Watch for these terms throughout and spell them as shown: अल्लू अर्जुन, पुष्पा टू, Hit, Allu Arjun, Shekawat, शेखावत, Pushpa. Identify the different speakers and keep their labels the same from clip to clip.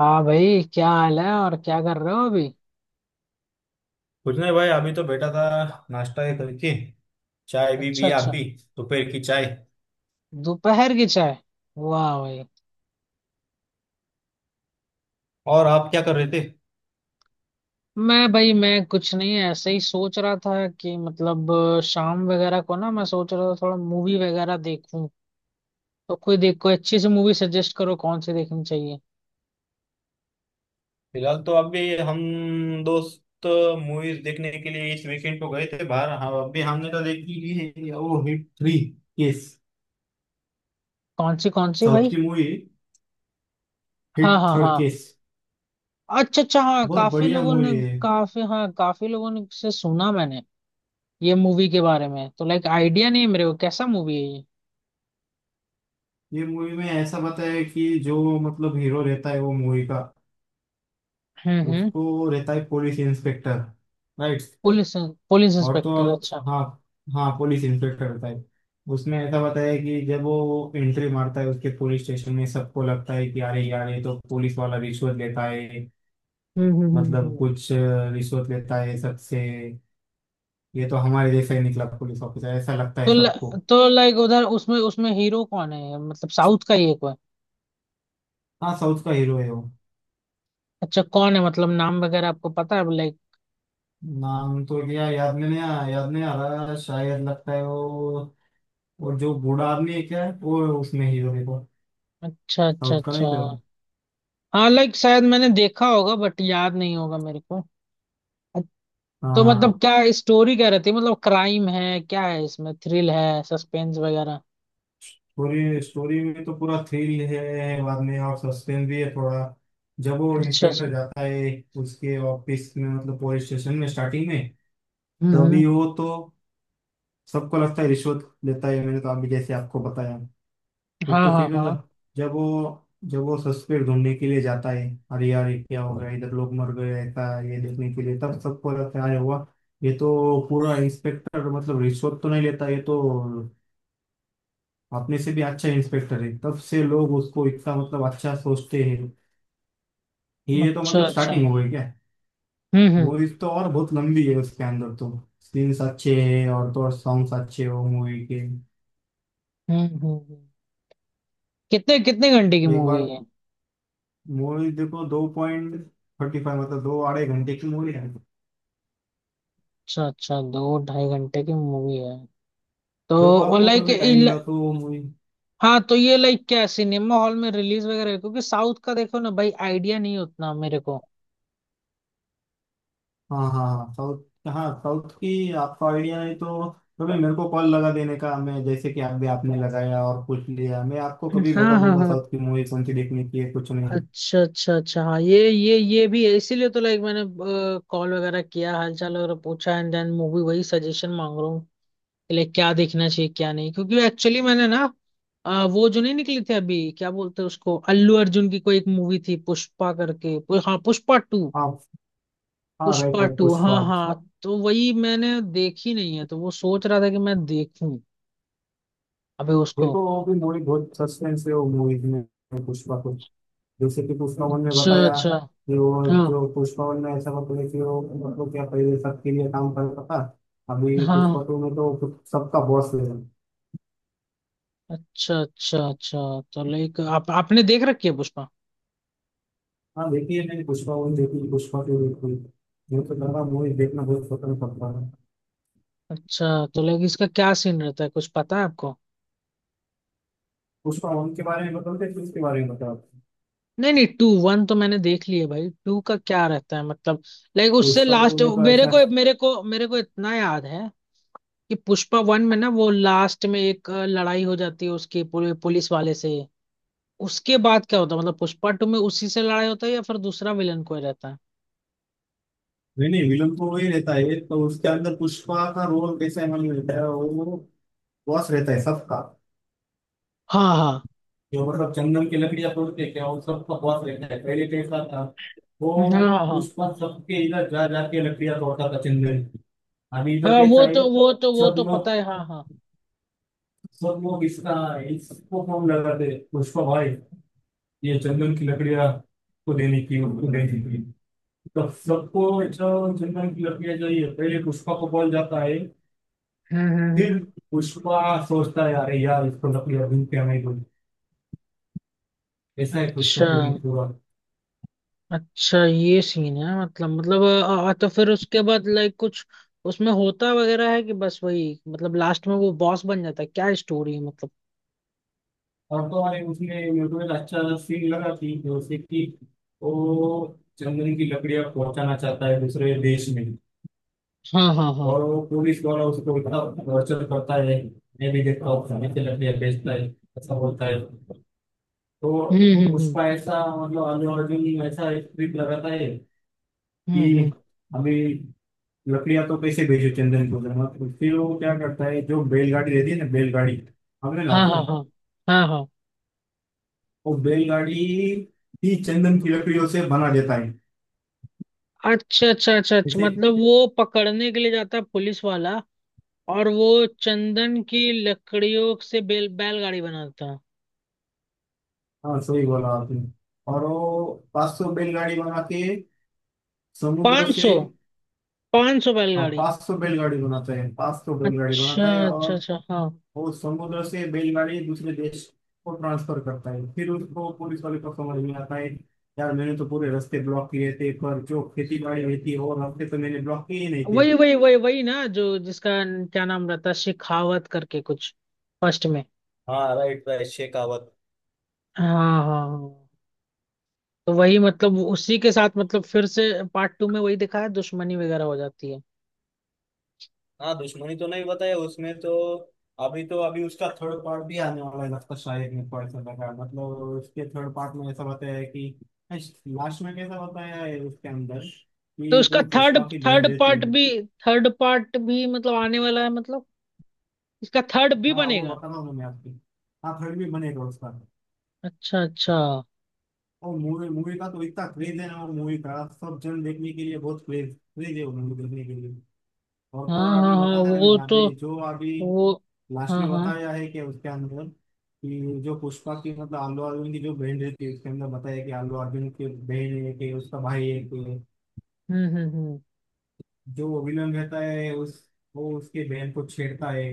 Speaker 1: हाँ भाई, क्या हाल है? और क्या कर रहे हो अभी?
Speaker 2: कुछ नहीं भाई, अभी तो बैठा था। नाश्ता ये करके चाय भी
Speaker 1: अच्छा,
Speaker 2: पिया
Speaker 1: अच्छा।
Speaker 2: अभी। दोपहर की चाय।
Speaker 1: दोपहर की चाय। वाह भाई।
Speaker 2: और आप क्या कर रहे थे।
Speaker 1: मैं भाई, मैं कुछ नहीं, ऐसे ही सोच रहा था कि मतलब शाम वगैरह को ना मैं सोच रहा था थोड़ा मूवी वगैरह देखूं। तो कोई देख, कोई अच्छी सी मूवी सजेस्ट करो, कौन सी देखनी चाहिए?
Speaker 2: फिलहाल तो अभी हम दोस्त मूवीज देखने के लिए इस वीकेंड को गए थे बाहर। हाँ, अभी हमने तो देखी ली है, वो हिट थ्री केस।
Speaker 1: कौन सी
Speaker 2: साउथ की
Speaker 1: भाई?
Speaker 2: मूवी,
Speaker 1: हाँ
Speaker 2: हिट
Speaker 1: हाँ
Speaker 2: थर्ड
Speaker 1: हाँ।
Speaker 2: केस।
Speaker 1: अच्छा अच्छा, हाँ
Speaker 2: बहुत
Speaker 1: काफी
Speaker 2: बढ़िया
Speaker 1: लोगों ने।
Speaker 2: मूवी है।
Speaker 1: काफी, हाँ काफी लोगों ने से सुना मैंने। ये मूवी के बारे में तो लाइक आइडिया नहीं है मेरे को, कैसा मूवी है ये?
Speaker 2: ये मूवी में ऐसा बताया है कि जो मतलब हीरो रहता है वो मूवी का,
Speaker 1: हम्म।
Speaker 2: उसको रहता है police inspector. Right.
Speaker 1: Police, police
Speaker 2: और तो और,
Speaker 1: इंस्पेक्टर, अच्छा।
Speaker 2: हाँ हाँ, पुलिस इंस्पेक्टर होता है। उसमें ऐसा बताया है कि जब वो एंट्री मारता है उसके पुलिस स्टेशन में, सबको लगता है कि अरे यार ये तो पुलिस वाला रिश्वत लेता है।
Speaker 1: हम्म हम्म हम्म
Speaker 2: मतलब
Speaker 1: हम्म।
Speaker 2: कुछ रिश्वत लेता है सबसे। ये तो हमारे जैसा ही निकला पुलिस ऑफिसर, ऐसा लगता है सबको।
Speaker 1: तो लाइक उधर उसमें उसमें हीरो कौन है? मतलब साउथ का ही एक है कोई?
Speaker 2: हाँ, साउथ का हीरो है वो।
Speaker 1: अच्छा, कौन है? मतलब नाम वगैरह आपको पता है लाइक?
Speaker 2: नाम तो क्या याद नहीं आ रहा, शायद लगता है वो। और जो बूढ़ा आदमी है क्या वो, उसमें हीरो है वो।
Speaker 1: अच्छा अच्छा
Speaker 2: साउथ का
Speaker 1: अच्छा,
Speaker 2: नहीं तो।
Speaker 1: हाँ लाइक शायद मैंने देखा होगा, बट याद नहीं होगा मेरे को। अच्छ-
Speaker 2: हाँ
Speaker 1: तो
Speaker 2: हाँ।
Speaker 1: मतलब क्या स्टोरी क्या रहती है? मतलब क्राइम है, क्या है इसमें? थ्रिल है, सस्पेंस वगैरह?
Speaker 2: पूरी स्टोरी में तो पूरा थ्रिल है, बाद में और सस्पेंस भी है थोड़ा। जब वो
Speaker 1: अच्छा अच्छा।
Speaker 2: इंस्पेक्टर जाता है उसके ऑफिस में, मतलब पुलिस स्टेशन में, स्टार्टिंग में
Speaker 1: हम्म।
Speaker 2: तभी, वो तो, सबको लगता है रिश्वत लेता है, मैंने तो अभी जैसे आपको बताया। फिर
Speaker 1: हाँ
Speaker 2: तो
Speaker 1: हाँ
Speaker 2: फिर
Speaker 1: हाँ।
Speaker 2: जब वो सस्पेक्ट ढूंढने के लिए जाता है, अरे यार ये क्या हो गया, इधर लोग मर गए, ऐसा ये देखने के लिए, तब सबको लगता है, अरे हुआ, ये तो पूरा इंस्पेक्टर मतलब रिश्वत तो नहीं लेता, ये तो अपने से भी अच्छा इंस्पेक्टर है। तब से लोग उसको इतना मतलब अच्छा सोचते हैं। ये तो
Speaker 1: अच्छा
Speaker 2: मतलब
Speaker 1: अच्छा।
Speaker 2: स्टार्टिंग हो गई क्या।
Speaker 1: हम्म हम्म
Speaker 2: मूवीज तो और बहुत लंबी है, उसके अंदर तो सीन्स अच्छे हैं, और तो और सॉन्ग्स अच्छे हो मूवी के।
Speaker 1: हम्म हम्म हम्म। कितने कितने घंटे की
Speaker 2: एक बार
Speaker 1: मूवी है?
Speaker 2: मूवी देखो। दो पॉइंट थर्टी फाइव, मतलब दो आधे घंटे की मूवी है।
Speaker 1: अच्छा अच्छा, दो ढाई घंटे की मूवी है।
Speaker 2: देखो
Speaker 1: तो
Speaker 2: आपको
Speaker 1: लाइक।
Speaker 2: कभी टाइम मिला तो मूवी।
Speaker 1: हाँ, तो ये लाइक क्या सिनेमा हॉल में रिलीज वगैरह? क्योंकि साउथ का देखो ना भाई, आइडिया नहीं उतना मेरे को।
Speaker 2: हाँ हाँ हाँ, साउथ, हाँ साउथ की आपका आइडिया है तो कभी मेरे को कॉल लगा देने का। मैं जैसे कि आप भी आपने लगाया और पूछ लिया, मैं आपको कभी
Speaker 1: हाँ
Speaker 2: बता
Speaker 1: हाँ
Speaker 2: दूंगा
Speaker 1: हाँ।
Speaker 2: साउथ की मूवी कौन सी देखने की है, कुछ नहीं।
Speaker 1: अच्छा अच्छा अच्छा, हाँ ये ये भी है, इसीलिए तो लाइक मैंने कॉल वगैरह किया, हालचाल वगैरह पूछा, एंड देन मूवी वही सजेशन मांग रहा हूँ कि लाइक क्या देखना चाहिए क्या नहीं। क्योंकि एक्चुअली मैंने ना वो जो नहीं निकली थी अभी, क्या बोलते हैं उसको, अल्लू अर्जुन की कोई एक मूवी थी, पुष्पा करके, हाँ पुष्पा टू।
Speaker 2: हाँ हाँ, राइट
Speaker 1: पुष्पा
Speaker 2: राइट,
Speaker 1: टू, हाँ
Speaker 2: पुष्पा।
Speaker 1: हाँ। तो वही मैंने देखी नहीं है, तो वो सोच रहा था कि मैं देखूं अबे उसको।
Speaker 2: देखो वो भी मूवी बहुत सस्पेंस है, वो मूवीज में, पुष्पा को। जैसे कि पुष्पा वन में
Speaker 1: अच्छा
Speaker 2: बताया
Speaker 1: अच्छा।
Speaker 2: कि वो,
Speaker 1: हाँ
Speaker 2: जो पुष्पा वन में ऐसा होता है कि वो मतलब क्या पहले सबके लिए काम करता था। अभी पुष्पा
Speaker 1: हाँ।
Speaker 2: टू में तो खुद सबका बॉस है।
Speaker 1: अच्छा अच्छा अच्छा। तो लाइक आप, आपने देख रखी है पुष्पा?
Speaker 2: हाँ, देखिए मैंने पुष्पा वन देखी, पुष्पा टू देखी। मुझे तो लगा मूवी देखना बहुत पसंद पड़ता है।
Speaker 1: अच्छा। तो लाइक इसका क्या सीन रहता है, कुछ पता है आपको?
Speaker 2: पुष्पा वन के बारे में बताओ कि, उसके बारे में बताओ।
Speaker 1: नहीं नहीं, टू, वन तो मैंने देख लिया भाई, टू का क्या रहता है मतलब? लाइक उससे
Speaker 2: पुष्पा टू
Speaker 1: लास्ट
Speaker 2: में तो
Speaker 1: मेरे
Speaker 2: ऐसा,
Speaker 1: को मेरे को मेरे को इतना याद है कि पुष्पा वन में ना वो लास्ट में एक लड़ाई हो जाती है उसके पुलिस वाले से। उसके बाद क्या होता है मतलब पुष्पा टू में? उसी से लड़ाई होता है या फिर दूसरा विलन कोई रहता है?
Speaker 2: नहीं नहीं, विलन तो वही रहता है। तो उसके अंदर पुष्पा का रोल कैसे हमें मिलता है, वो बॉस रहता है सबका।
Speaker 1: हाँ हाँ
Speaker 2: जो मतलब चंदन की लकड़ियां तोड़ते हैं क्या, वो सबका बॉस रहता है। पहले कैसा था वो,
Speaker 1: हाँ। हाँ
Speaker 2: पुष्पा सबके इधर जा जाके लकड़ियां तोड़ता था चंदन की। अभी इधर
Speaker 1: हाँ
Speaker 2: कैसा
Speaker 1: वो
Speaker 2: है,
Speaker 1: तो वो तो वो
Speaker 2: सब
Speaker 1: तो
Speaker 2: लोग
Speaker 1: पता है, हाँ हाँ।
Speaker 2: सब लोग इसका इसको फोन लगाते हैं, पुष्पा भाई ये चंदन की लकड़ियां को देने की, उनको देने की। तब सबको जो चंदन की लकड़ियां चाहिए, पहले पुष्पा को बोल जाता है।
Speaker 1: हम्म हम्म,
Speaker 2: फिर
Speaker 1: हम्म।
Speaker 2: पुष्पा सोचता है, अरे यार इसको लकड़ियां ढूंढ के हमें दो। ऐसा है पुष्पा
Speaker 1: अच्छा
Speaker 2: को ये पूरा।
Speaker 1: अच्छा, ये सीन है मतलब। तो फिर उसके बाद लाइक कुछ उसमें होता वगैरह है कि बस वही मतलब लास्ट में वो बॉस बन जाता है? क्या स्टोरी है मतलब?
Speaker 2: और तो अरे, उसने यूट्यूब में अच्छा सीन लगा थी जो, उसे कि वो चंदन की लकड़ियां पहुंचाना चाहता है दूसरे देश में।
Speaker 1: हाँ हाँ हाँ।
Speaker 2: और वो पुलिस द्वारा उसको इतना टॉर्चर करता है। मैं भी देखता हूँ, खाने से लकड़ियां बेचता है, ऐसा बोलता है तो।
Speaker 1: हम्म हम्म
Speaker 2: उसका
Speaker 1: हम्म
Speaker 2: ऐसा मतलब अल्लू अर्जुन ऐसा स्क्रिप्ट लगाता है
Speaker 1: हम्म
Speaker 2: कि
Speaker 1: हम्म।
Speaker 2: हमें लकड़ियां तो कैसे भेजो, चंदन को धर्मा को। फिर वो क्या करता है, जो बैलगाड़ी रहती है ना बैलगाड़ी, हमने
Speaker 1: हाँ हाँ
Speaker 2: लाखों,
Speaker 1: हाँ हाँ हाँ।
Speaker 2: वो बैलगाड़ी ही चंदन की लकड़ियों से बना देता है,
Speaker 1: अच्छा अच्छा अच्छा अच्छा,
Speaker 2: जैसे।
Speaker 1: मतलब वो पकड़ने के लिए जाता है पुलिस वाला और वो चंदन की लकड़ियों से बेल बैलगाड़ी बनाता?
Speaker 2: हाँ सही बोला आपने। और वो 500 बैलगाड़ी बना के समुद्र
Speaker 1: पाँच
Speaker 2: से,
Speaker 1: सौ पाँच सौ
Speaker 2: हाँ
Speaker 1: बैलगाड़ी
Speaker 2: 500 बैलगाड़ी बनाता है, 500 बैलगाड़ी
Speaker 1: अच्छा
Speaker 2: बनाता है, और
Speaker 1: अच्छा अच्छा, हाँ।
Speaker 2: वो समुद्र से बैलगाड़ी दूसरे देश को ट्रांसफर करता है। फिर उसको पुलिस वाले को समझ में आता है, यार मैंने तो पूरे रास्ते ब्लॉक किए थे, पर जो खेती बाड़ी रहती है, वो रास्ते तो मैंने ब्लॉक किए ही नहीं थे।
Speaker 1: वही वही वही वही ना, जो जिसका क्या नाम रहता है, शेखावत करके कुछ, फर्स्ट में।
Speaker 2: हाँ राइट राइट, शेखावत।
Speaker 1: हाँ हाँ हाँ। तो वही मतलब उसी के साथ मतलब फिर से पार्ट टू में वही दिखा है, दुश्मनी वगैरह हो जाती है?
Speaker 2: हाँ दुश्मनी तो नहीं बताया उसमें तो। अभी तो, अभी उसका थर्ड पार्ट भी आने वाला है लगता है, शायद मेरे को ऐसा लगा, मतलब उसके थर्ड पार्ट में ऐसा बताया है कि, लास्ट में कैसा बताया है उसके अंदर
Speaker 1: तो
Speaker 2: कि
Speaker 1: उसका
Speaker 2: जो
Speaker 1: थर्ड
Speaker 2: पुष्पा की
Speaker 1: थर्ड
Speaker 2: बहन रहती
Speaker 1: पार्ट
Speaker 2: है।
Speaker 1: भी, मतलब आने वाला है, मतलब इसका थर्ड भी
Speaker 2: हाँ वो
Speaker 1: बनेगा?
Speaker 2: बताना, मैंने आपकी, हाँ थर्ड भी बनेगा उसका।
Speaker 1: अच्छा अच्छा।
Speaker 2: और मूवी मूवी का तो इतना क्रेज है ना, वो मूवी का सब जन देखने के लिए बहुत क्रेज क्रेज है वो मूवी देखने के लिए। और तो
Speaker 1: हाँ
Speaker 2: और
Speaker 1: हाँ
Speaker 2: अभी
Speaker 1: हाँ
Speaker 2: बताया ना
Speaker 1: वो
Speaker 2: मैंने,
Speaker 1: तो
Speaker 2: अभी जो अभी
Speaker 1: तो वो।
Speaker 2: लास्ट
Speaker 1: हाँ
Speaker 2: में
Speaker 1: हाँ।
Speaker 2: बताया है कि उसके अंदर कि, जो पुष्पा की मतलब आलू अर्जुन की जो बहन रहती है, उसके अंदर बताया कि आलू अर्जुन की बहन है कि उसका भाई है कि,
Speaker 1: हम्म।
Speaker 2: जो वो विलन रहता है उस, वो उसके बहन को छेड़ता है,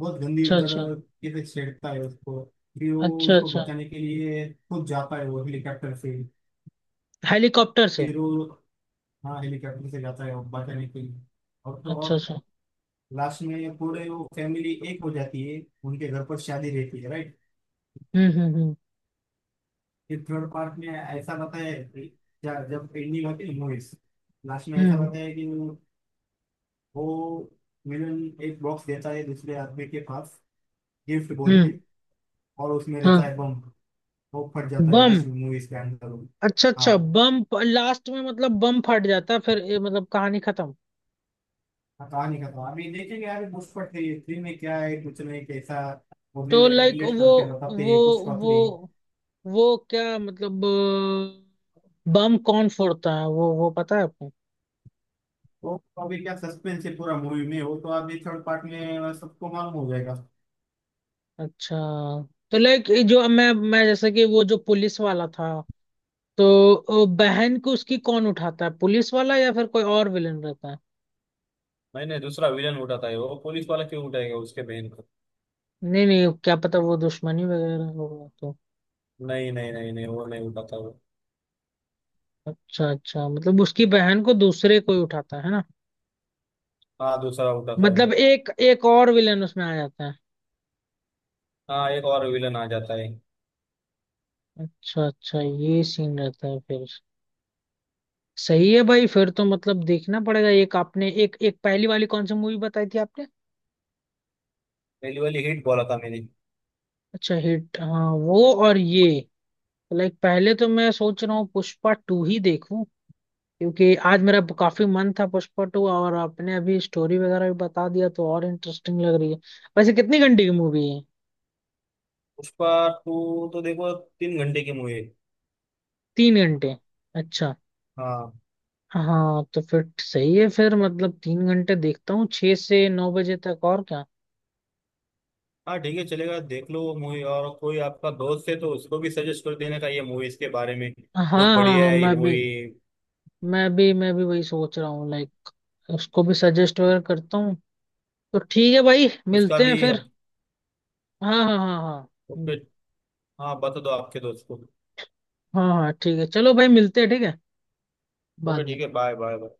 Speaker 2: बहुत गंदी
Speaker 1: अच्छा अच्छा
Speaker 2: तरह के से छेड़ता है उसको। फिर वो
Speaker 1: अच्छा।
Speaker 2: उसको
Speaker 1: अच्छा,
Speaker 2: बचाने के लिए खुद जाता है वो, हेलीकॉप्टर से।
Speaker 1: हेलीकॉप्टर से?
Speaker 2: फिर वो, हाँ, हेलीकॉप्टर से जाता है वो बचाने के लिए। और तो
Speaker 1: अच्छा
Speaker 2: और
Speaker 1: अच्छा।
Speaker 2: लास्ट में पूरे वो फैमिली एक हो जाती है, उनके घर पर शादी रहती है। राइट।
Speaker 1: हम्म हम्म हम्म
Speaker 2: फिर थर्ड पार्ट में ऐसा बताया है कि, जब एंडिंग होती है मूवीज, लास्ट में ऐसा
Speaker 1: हम्म
Speaker 2: बताया है कि वो विलन एक बॉक्स देता है दूसरे आदमी के पास, गिफ्ट
Speaker 1: हम्म
Speaker 2: बोल
Speaker 1: हम्म।
Speaker 2: के, और उसमें रहता
Speaker 1: हाँ,
Speaker 2: है बम, वो फट जाता है
Speaker 1: बम।
Speaker 2: लास्ट में मूवीज के अंदर वो।
Speaker 1: अच्छा अच्छा,
Speaker 2: हाँ
Speaker 1: बम लास्ट में, मतलब बम फट जाता है, फिर ये मतलब कहानी खत्म?
Speaker 2: हाँ, कहानी का तो अभी देखेंगे यार, पुष्पा थ्री थ्री में क्या है, कुछ नहीं कैसा वो
Speaker 1: तो लाइक
Speaker 2: रिलेट करके बताते
Speaker 1: वो
Speaker 2: हैं पुष्पा
Speaker 1: वो
Speaker 2: थ्री।
Speaker 1: वो क्या मतलब बम कौन फोड़ता है वो पता है आपको?
Speaker 2: वो तो अभी क्या सस्पेंस है पूरा मूवी में, वो तो अभी थर्ड पार्ट में सबको मालूम हो जाएगा।
Speaker 1: अच्छा। तो लाइक जो मैं जैसे कि वो जो पुलिस वाला था, तो बहन को उसकी कौन उठाता है, पुलिस वाला या फिर कोई और विलन रहता है?
Speaker 2: नहीं नहीं, दूसरा विलन उठाता है, वो पुलिस वाला क्यों उठाएगा उसके बहन को।
Speaker 1: नहीं नहीं, क्या पता, वो दुश्मनी वगैरह होगा तो।
Speaker 2: नहीं नहीं नहीं नहीं, वो नहीं उठाता वो।
Speaker 1: अच्छा अच्छा, मतलब उसकी बहन को दूसरे कोई उठाता है ना?
Speaker 2: हाँ दूसरा उठाता है।
Speaker 1: मतलब एक एक और विलन उसमें आ जाता है?
Speaker 2: हाँ एक और विलन आ जाता है।
Speaker 1: अच्छा अच्छा, ये सीन रहता है फिर। सही है भाई, फिर तो मतलब देखना पड़ेगा। एक आपने एक एक पहली वाली कौन सी मूवी बताई थी आपने?
Speaker 2: पहली वाली हिट बोला था मैंने।
Speaker 1: अच्छा हिट, हाँ वो। और ये लाइक पहले तो मैं सोच रहा हूँ पुष्पा टू ही देखूं, क्योंकि आज मेरा काफी मन था पुष्पा टू, और आपने अभी स्टोरी वगैरह भी बता दिया, तो और इंटरेस्टिंग लग रही है। वैसे कितनी घंटे की मूवी है?
Speaker 2: पुष्पा टू तो देखो, 3 घंटे की मूवी है।
Speaker 1: 3 घंटे? अच्छा।
Speaker 2: हाँ,
Speaker 1: हाँ तो फिर सही है, फिर मतलब 3 घंटे देखता हूँ, 6 से 9 बजे तक, और क्या।
Speaker 2: हाँ ठीक है चलेगा, देख लो वो मूवी, और कोई आपका दोस्त है तो उसको भी सजेस्ट कर देने का ये मूवी, इसके बारे में
Speaker 1: हाँ
Speaker 2: बहुत
Speaker 1: हाँ
Speaker 2: बढ़िया
Speaker 1: हाँ।
Speaker 2: है ये
Speaker 1: मैं भी
Speaker 2: मूवी।
Speaker 1: मैं भी मैं भी वही सोच रहा हूँ लाइक, उसको भी सजेस्ट वगैरह करता हूँ। तो ठीक है भाई,
Speaker 2: उसका
Speaker 1: मिलते हैं
Speaker 2: भी।
Speaker 1: फिर। हाँ हाँ हाँ। हाँ
Speaker 2: ओके। हाँ बता दो आपके दोस्त को।
Speaker 1: हाँ हाँ ठीक है, चलो भाई मिलते हैं, ठीक है, बाद
Speaker 2: ओके
Speaker 1: में।
Speaker 2: ठीक है, बाय बाय।